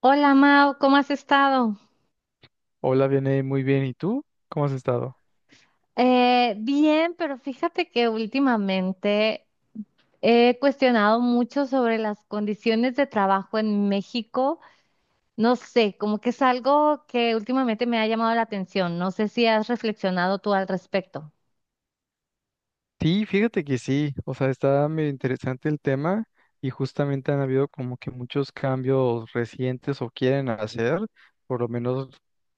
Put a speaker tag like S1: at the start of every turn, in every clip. S1: Hola Mau, ¿cómo has estado?
S2: Hola, viene muy bien. ¿Y tú? ¿Cómo has estado?
S1: Bien, pero fíjate que últimamente he cuestionado mucho sobre las condiciones de trabajo en México. No sé, como que es algo que últimamente me ha llamado la atención. No sé si has reflexionado tú al respecto.
S2: Sí, fíjate que sí. O sea, está medio interesante el tema y justamente han habido como que muchos cambios recientes o quieren hacer, por lo menos,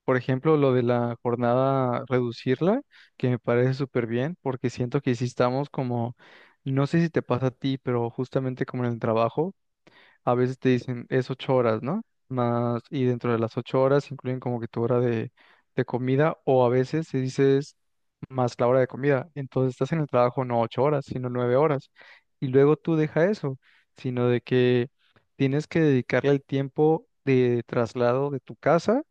S2: por ejemplo, lo de la jornada, reducirla, que me parece súper bien, porque siento que sí estamos como, no sé si te pasa a ti, pero justamente como en el trabajo, a veces te dicen es 8 horas, ¿no? Más, y dentro de las 8 horas incluyen como que tu hora de comida, o a veces se dice más la hora de comida. Entonces estás en el trabajo no 8 horas, sino 9 horas. Y luego tú deja eso, sino de que tienes que dedicarle el tiempo de traslado de tu casa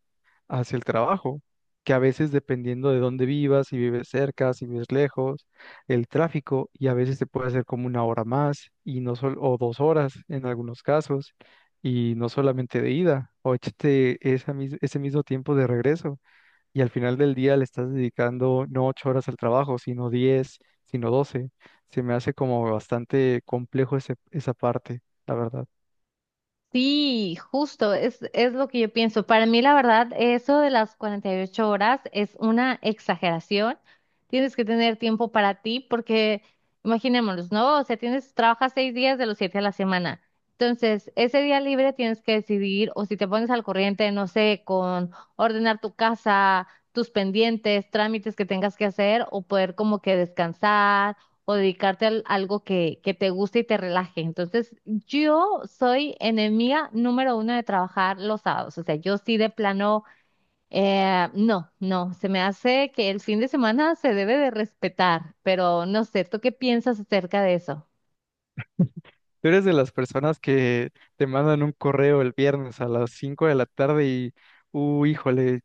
S2: hacia el trabajo, que a veces dependiendo de dónde vivas, si vives cerca, si vives lejos, el tráfico, y a veces te puede hacer como 1 hora más, y no o 2 horas en algunos casos, y no solamente de ida, o échate esa ese mismo tiempo de regreso y al final del día le estás dedicando no 8 horas al trabajo, sino 10, sino 12. Se me hace como bastante complejo ese, esa parte, la verdad.
S1: Sí, justo, es lo que yo pienso. Para mí, la verdad, eso de las 48 horas es una exageración. Tienes que tener tiempo para ti porque, imaginémonos, ¿no? O sea, tienes, trabajas 6 días de los 7 a la semana. Entonces, ese día libre tienes que decidir, o si te pones al corriente, no sé, con ordenar tu casa, tus pendientes, trámites que tengas que hacer, o poder como que descansar o dedicarte a algo que te guste y te relaje. Entonces, yo soy enemiga número uno de trabajar los sábados. O sea, yo sí de plano, no, no, se me hace que el fin de semana se debe de respetar, pero no sé, ¿tú qué piensas acerca de eso?
S2: Tú eres de las personas que te mandan un correo el viernes a las 5 de la tarde y, híjole,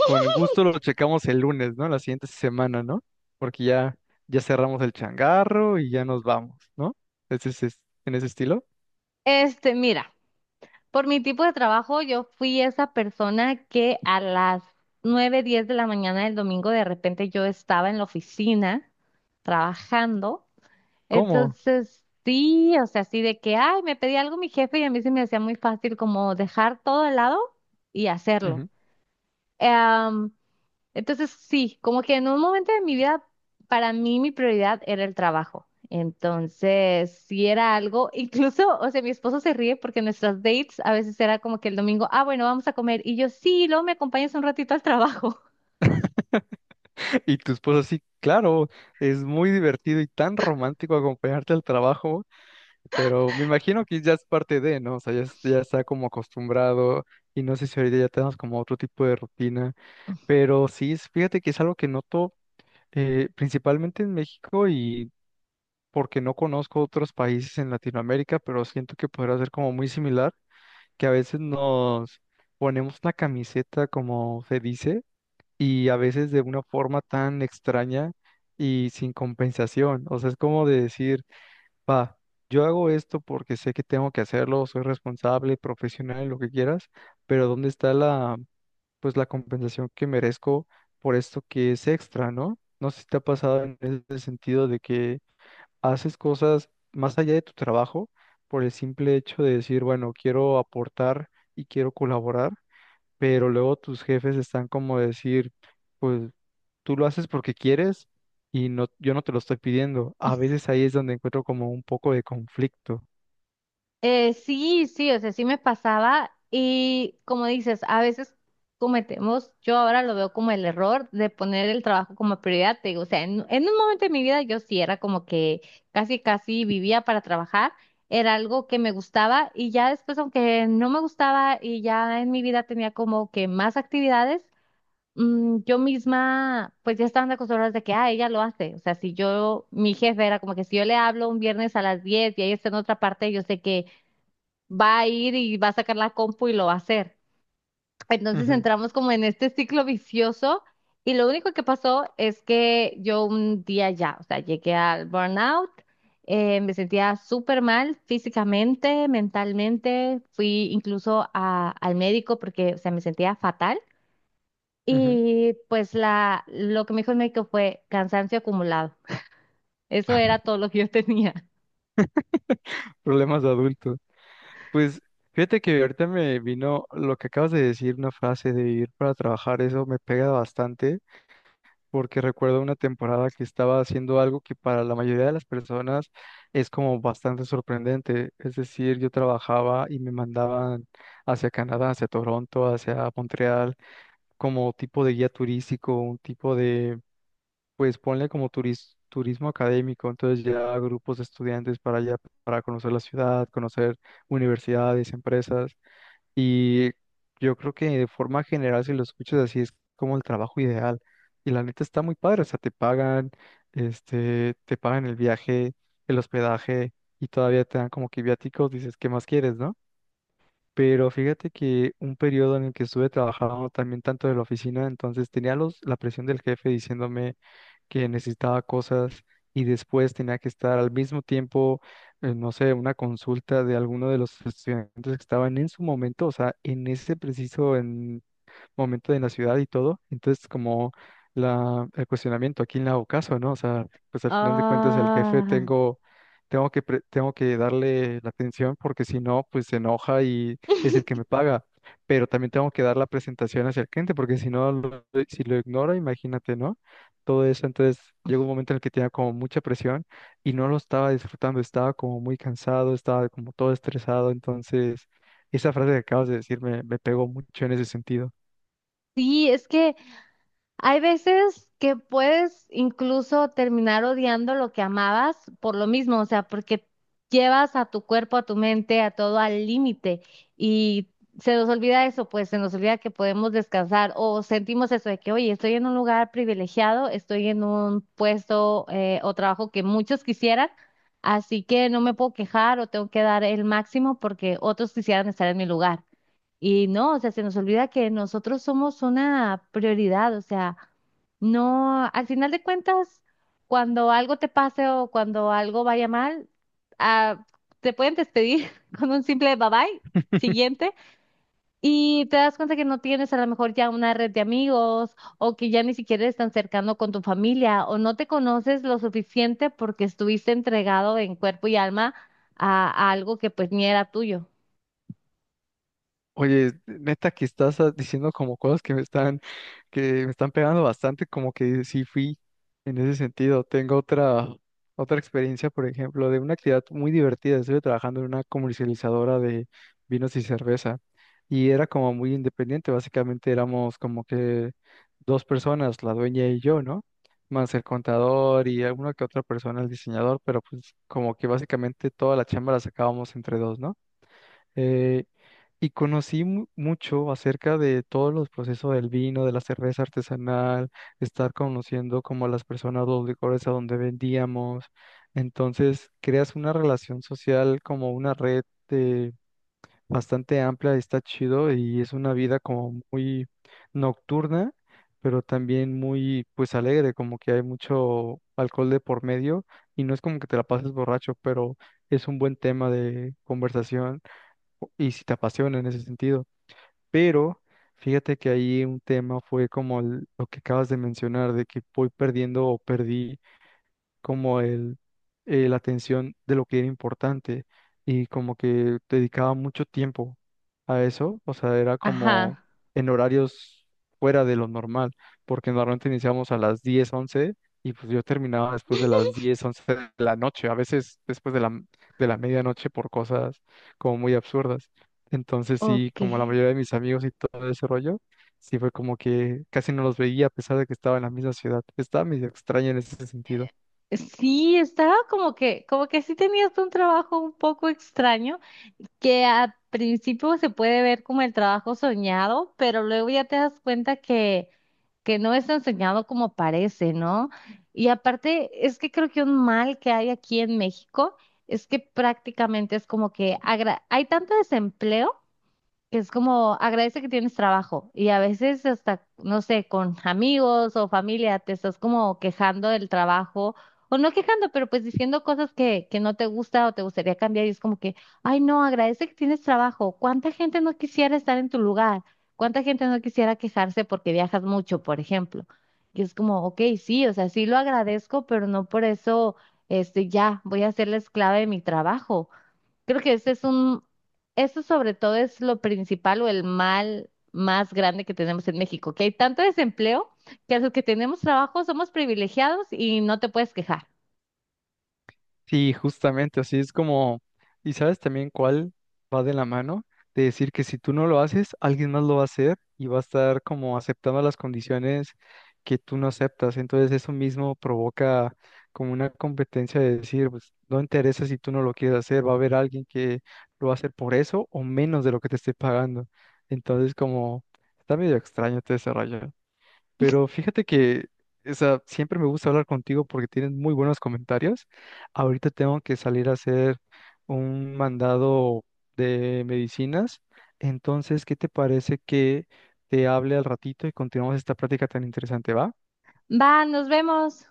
S2: con gusto lo checamos el lunes, ¿no? La siguiente semana, ¿no? Porque ya, ya cerramos el changarro y ya nos vamos, ¿no? Ese es, en ese estilo.
S1: Mira, por mi tipo de trabajo, yo fui esa persona que a las 9:10 de la mañana del domingo de repente yo estaba en la oficina trabajando.
S2: ¿Cómo?
S1: Entonces, sí, o sea, así de que, ay, me pedí algo mi jefe y a mí se me hacía muy fácil como dejar todo al lado y hacerlo. Em, entonces, sí, como que en un momento de mi vida, para mí mi prioridad era el trabajo. Entonces, sí era algo, incluso, o sea, mi esposo se ríe porque nuestras dates a veces era como que el domingo, ah, bueno, vamos a comer. Y yo, sí, luego me acompañas un ratito al trabajo.
S2: Y tu esposa sí, claro, es muy divertido y tan romántico acompañarte al trabajo, pero me imagino que ya es parte de, ¿no? O sea, ya, ya está como acostumbrado y no sé si ahorita ya tenemos como otro tipo de rutina, pero sí, fíjate que es algo que noto principalmente en México y porque no conozco otros países en Latinoamérica, pero siento que podrá ser como muy similar, que a veces nos ponemos la camiseta, como se dice, y a veces de una forma tan extraña y sin compensación. O sea, es como de decir, va, yo hago esto porque sé que tengo que hacerlo, soy responsable, profesional, lo que quieras, pero ¿dónde está la, pues la compensación que merezco por esto que es extra, ¿no? No sé si te ha pasado en ese sentido de que haces cosas más allá de tu trabajo por el simple hecho de decir, bueno, quiero aportar y quiero colaborar, pero luego tus jefes están como decir, pues tú lo haces porque quieres y no, yo no te lo estoy pidiendo. A veces ahí es donde encuentro como un poco de conflicto.
S1: Sí, sí, o sea, sí me pasaba y como dices, a veces cometemos, yo ahora lo veo como el error de poner el trabajo como prioridad, te digo, o sea, en un momento de mi vida yo sí era como que casi, casi vivía para trabajar, era algo que me gustaba y ya después, aunque no me gustaba y ya en mi vida tenía como que más actividades, yo misma, pues ya estaban acostumbradas de que, ah, ella lo hace. O sea, si yo, mi jefe era como que si yo le hablo un viernes a las 10 y ella está en otra parte, yo sé que va a ir y va a sacar la compu y lo va a hacer. Entonces
S2: Ujú,
S1: entramos como en este ciclo vicioso y lo único que pasó es que yo un día ya, o sea, llegué al burnout, me sentía súper mal físicamente, mentalmente, fui incluso al médico porque, o sea, me sentía fatal
S2: ujú.
S1: y pues lo que me dijo el médico fue cansancio acumulado. Eso era todo lo que yo tenía.
S2: Problemas de adultos. Pues fíjate que ahorita me vino lo que acabas de decir, una frase de vivir para trabajar, eso me pega bastante porque recuerdo una temporada que estaba haciendo algo que para la mayoría de las personas es como bastante sorprendente. Es decir, yo trabajaba y me mandaban hacia Canadá, hacia Toronto, hacia Montreal, como tipo de guía turístico, un tipo de, pues ponle como turismo académico. Entonces llevaba grupos de estudiantes para allá, para conocer la ciudad, conocer universidades, empresas. Y yo creo que de forma general, si lo escuchas así, es como el trabajo ideal. Y la neta está muy padre, o sea, te pagan, este, te pagan el viaje, el hospedaje y todavía te dan como que viáticos, dices, ¿qué más quieres, no? Pero fíjate que un periodo en el que estuve trabajando también tanto de la oficina, entonces tenía los, la presión del jefe diciéndome que necesitaba cosas y después tenía que estar al mismo tiempo, no sé, una consulta de alguno de los estudiantes que estaban en su momento, o sea, en ese preciso momento en la ciudad y todo. Entonces, como la, el cuestionamiento, ¿a quién le hago caso, no? O sea, pues al final de cuentas el jefe
S1: Ah,
S2: tengo que darle la atención porque si no, pues se enoja y es el que me paga. Pero también tengo que dar la presentación hacia el cliente porque si no, si lo ignoro, imagínate, ¿no? Todo eso, entonces llegó un momento en el que tenía como mucha presión y no lo estaba disfrutando, estaba como muy cansado, estaba como todo estresado, entonces esa frase que acabas de decir me pegó mucho en ese sentido.
S1: sí, es que hay veces que puedes incluso terminar odiando lo que amabas por lo mismo, o sea, porque llevas a tu cuerpo, a tu mente, a todo al límite y se nos olvida eso, pues se nos olvida que podemos descansar o sentimos eso de que, oye, estoy en un lugar privilegiado, estoy en un puesto o trabajo que muchos quisieran, así que no me puedo quejar o tengo que dar el máximo porque otros quisieran estar en mi lugar. Y no, o sea, se nos olvida que nosotros somos una prioridad, o sea, no, al final de cuentas, cuando algo te pase o cuando algo vaya mal, ah, te pueden despedir con un simple bye bye, siguiente, y te das cuenta que no tienes a lo mejor ya una red de amigos o que ya ni siquiera estás tan cercano con tu familia o no te conoces lo suficiente porque estuviste entregado en cuerpo y alma a algo que pues ni era tuyo.
S2: Oye, neta que estás diciendo como cosas que me están, pegando bastante, como que sí fui en ese sentido. Tengo otra experiencia, por ejemplo, de una actividad muy divertida. Estuve trabajando en una comercializadora de vinos y cerveza y era como muy independiente. Básicamente éramos como que dos personas, la dueña y yo, ¿no? Más el contador y alguna que otra persona, el diseñador, pero pues como que básicamente toda la chamba la sacábamos entre dos, ¿no? eh, y conocí mucho acerca de todos los procesos del vino, de la cerveza artesanal, estar conociendo como las personas, los licores a donde vendíamos. Entonces, creas una relación social como una red eh, bastante amplia, y está chido y es una vida como muy nocturna, pero también muy pues alegre, como que hay mucho alcohol de por medio y no es como que te la pases borracho, pero es un buen tema de conversación y si te apasiona en ese sentido. Pero fíjate que ahí un tema fue como lo que acabas de mencionar, de que voy perdiendo o perdí como la atención de lo que era importante y como que dedicaba mucho tiempo a eso, o sea, era como
S1: Ajá,
S2: en horarios fuera de lo normal, porque normalmente iniciamos a las 10 11 y pues yo terminaba después de las 10 11 de la noche, a veces después de la medianoche por cosas como muy absurdas. Entonces sí,
S1: ok.
S2: como la mayoría de mis amigos y todo ese rollo, sí fue como que casi no los veía a pesar de que estaba en la misma ciudad. Estaba medio extraña en ese sentido.
S1: Sí, estaba como que sí tenías un trabajo un poco extraño, que al principio se puede ver como el trabajo soñado, pero luego ya te das cuenta que no es tan soñado como parece, ¿no? Y aparte, es que creo que un mal que hay aquí en México es que prácticamente es como que hay tanto desempleo que es como agradece que tienes trabajo y a veces hasta, no sé, con amigos o familia te estás como quejando del trabajo o no quejando, pero pues diciendo cosas que no te gusta o te gustaría cambiar y es como que, ay no, agradece que tienes trabajo. ¿Cuánta gente no quisiera estar en tu lugar? ¿Cuánta gente no quisiera quejarse porque viajas mucho, por ejemplo? Y es como, ok, sí, o sea, sí lo agradezco, pero no por eso, este, ya voy a ser la esclava de mi trabajo. Creo que ese es eso sobre todo es lo principal o el mal más grande que tenemos en México, que hay tanto desempleo que a los que tenemos trabajo somos privilegiados y no te puedes quejar.
S2: Sí, justamente, así es como, y sabes también cuál va de la mano, de decir que si tú no lo haces, alguien más lo va a hacer y va a estar como aceptando las condiciones que tú no aceptas. Entonces eso mismo provoca como una competencia de decir, pues no interesa si tú no lo quieres hacer, va a haber alguien que lo va a hacer por eso o menos de lo que te esté pagando. Entonces como está medio extraño todo ese rollo. Pero fíjate que, o sea, siempre me gusta hablar contigo porque tienes muy buenos comentarios. Ahorita tengo que salir a hacer un mandado de medicinas. Entonces, ¿qué te parece que te hable al ratito y continuamos esta práctica tan interesante, va?
S1: Va, nos vemos.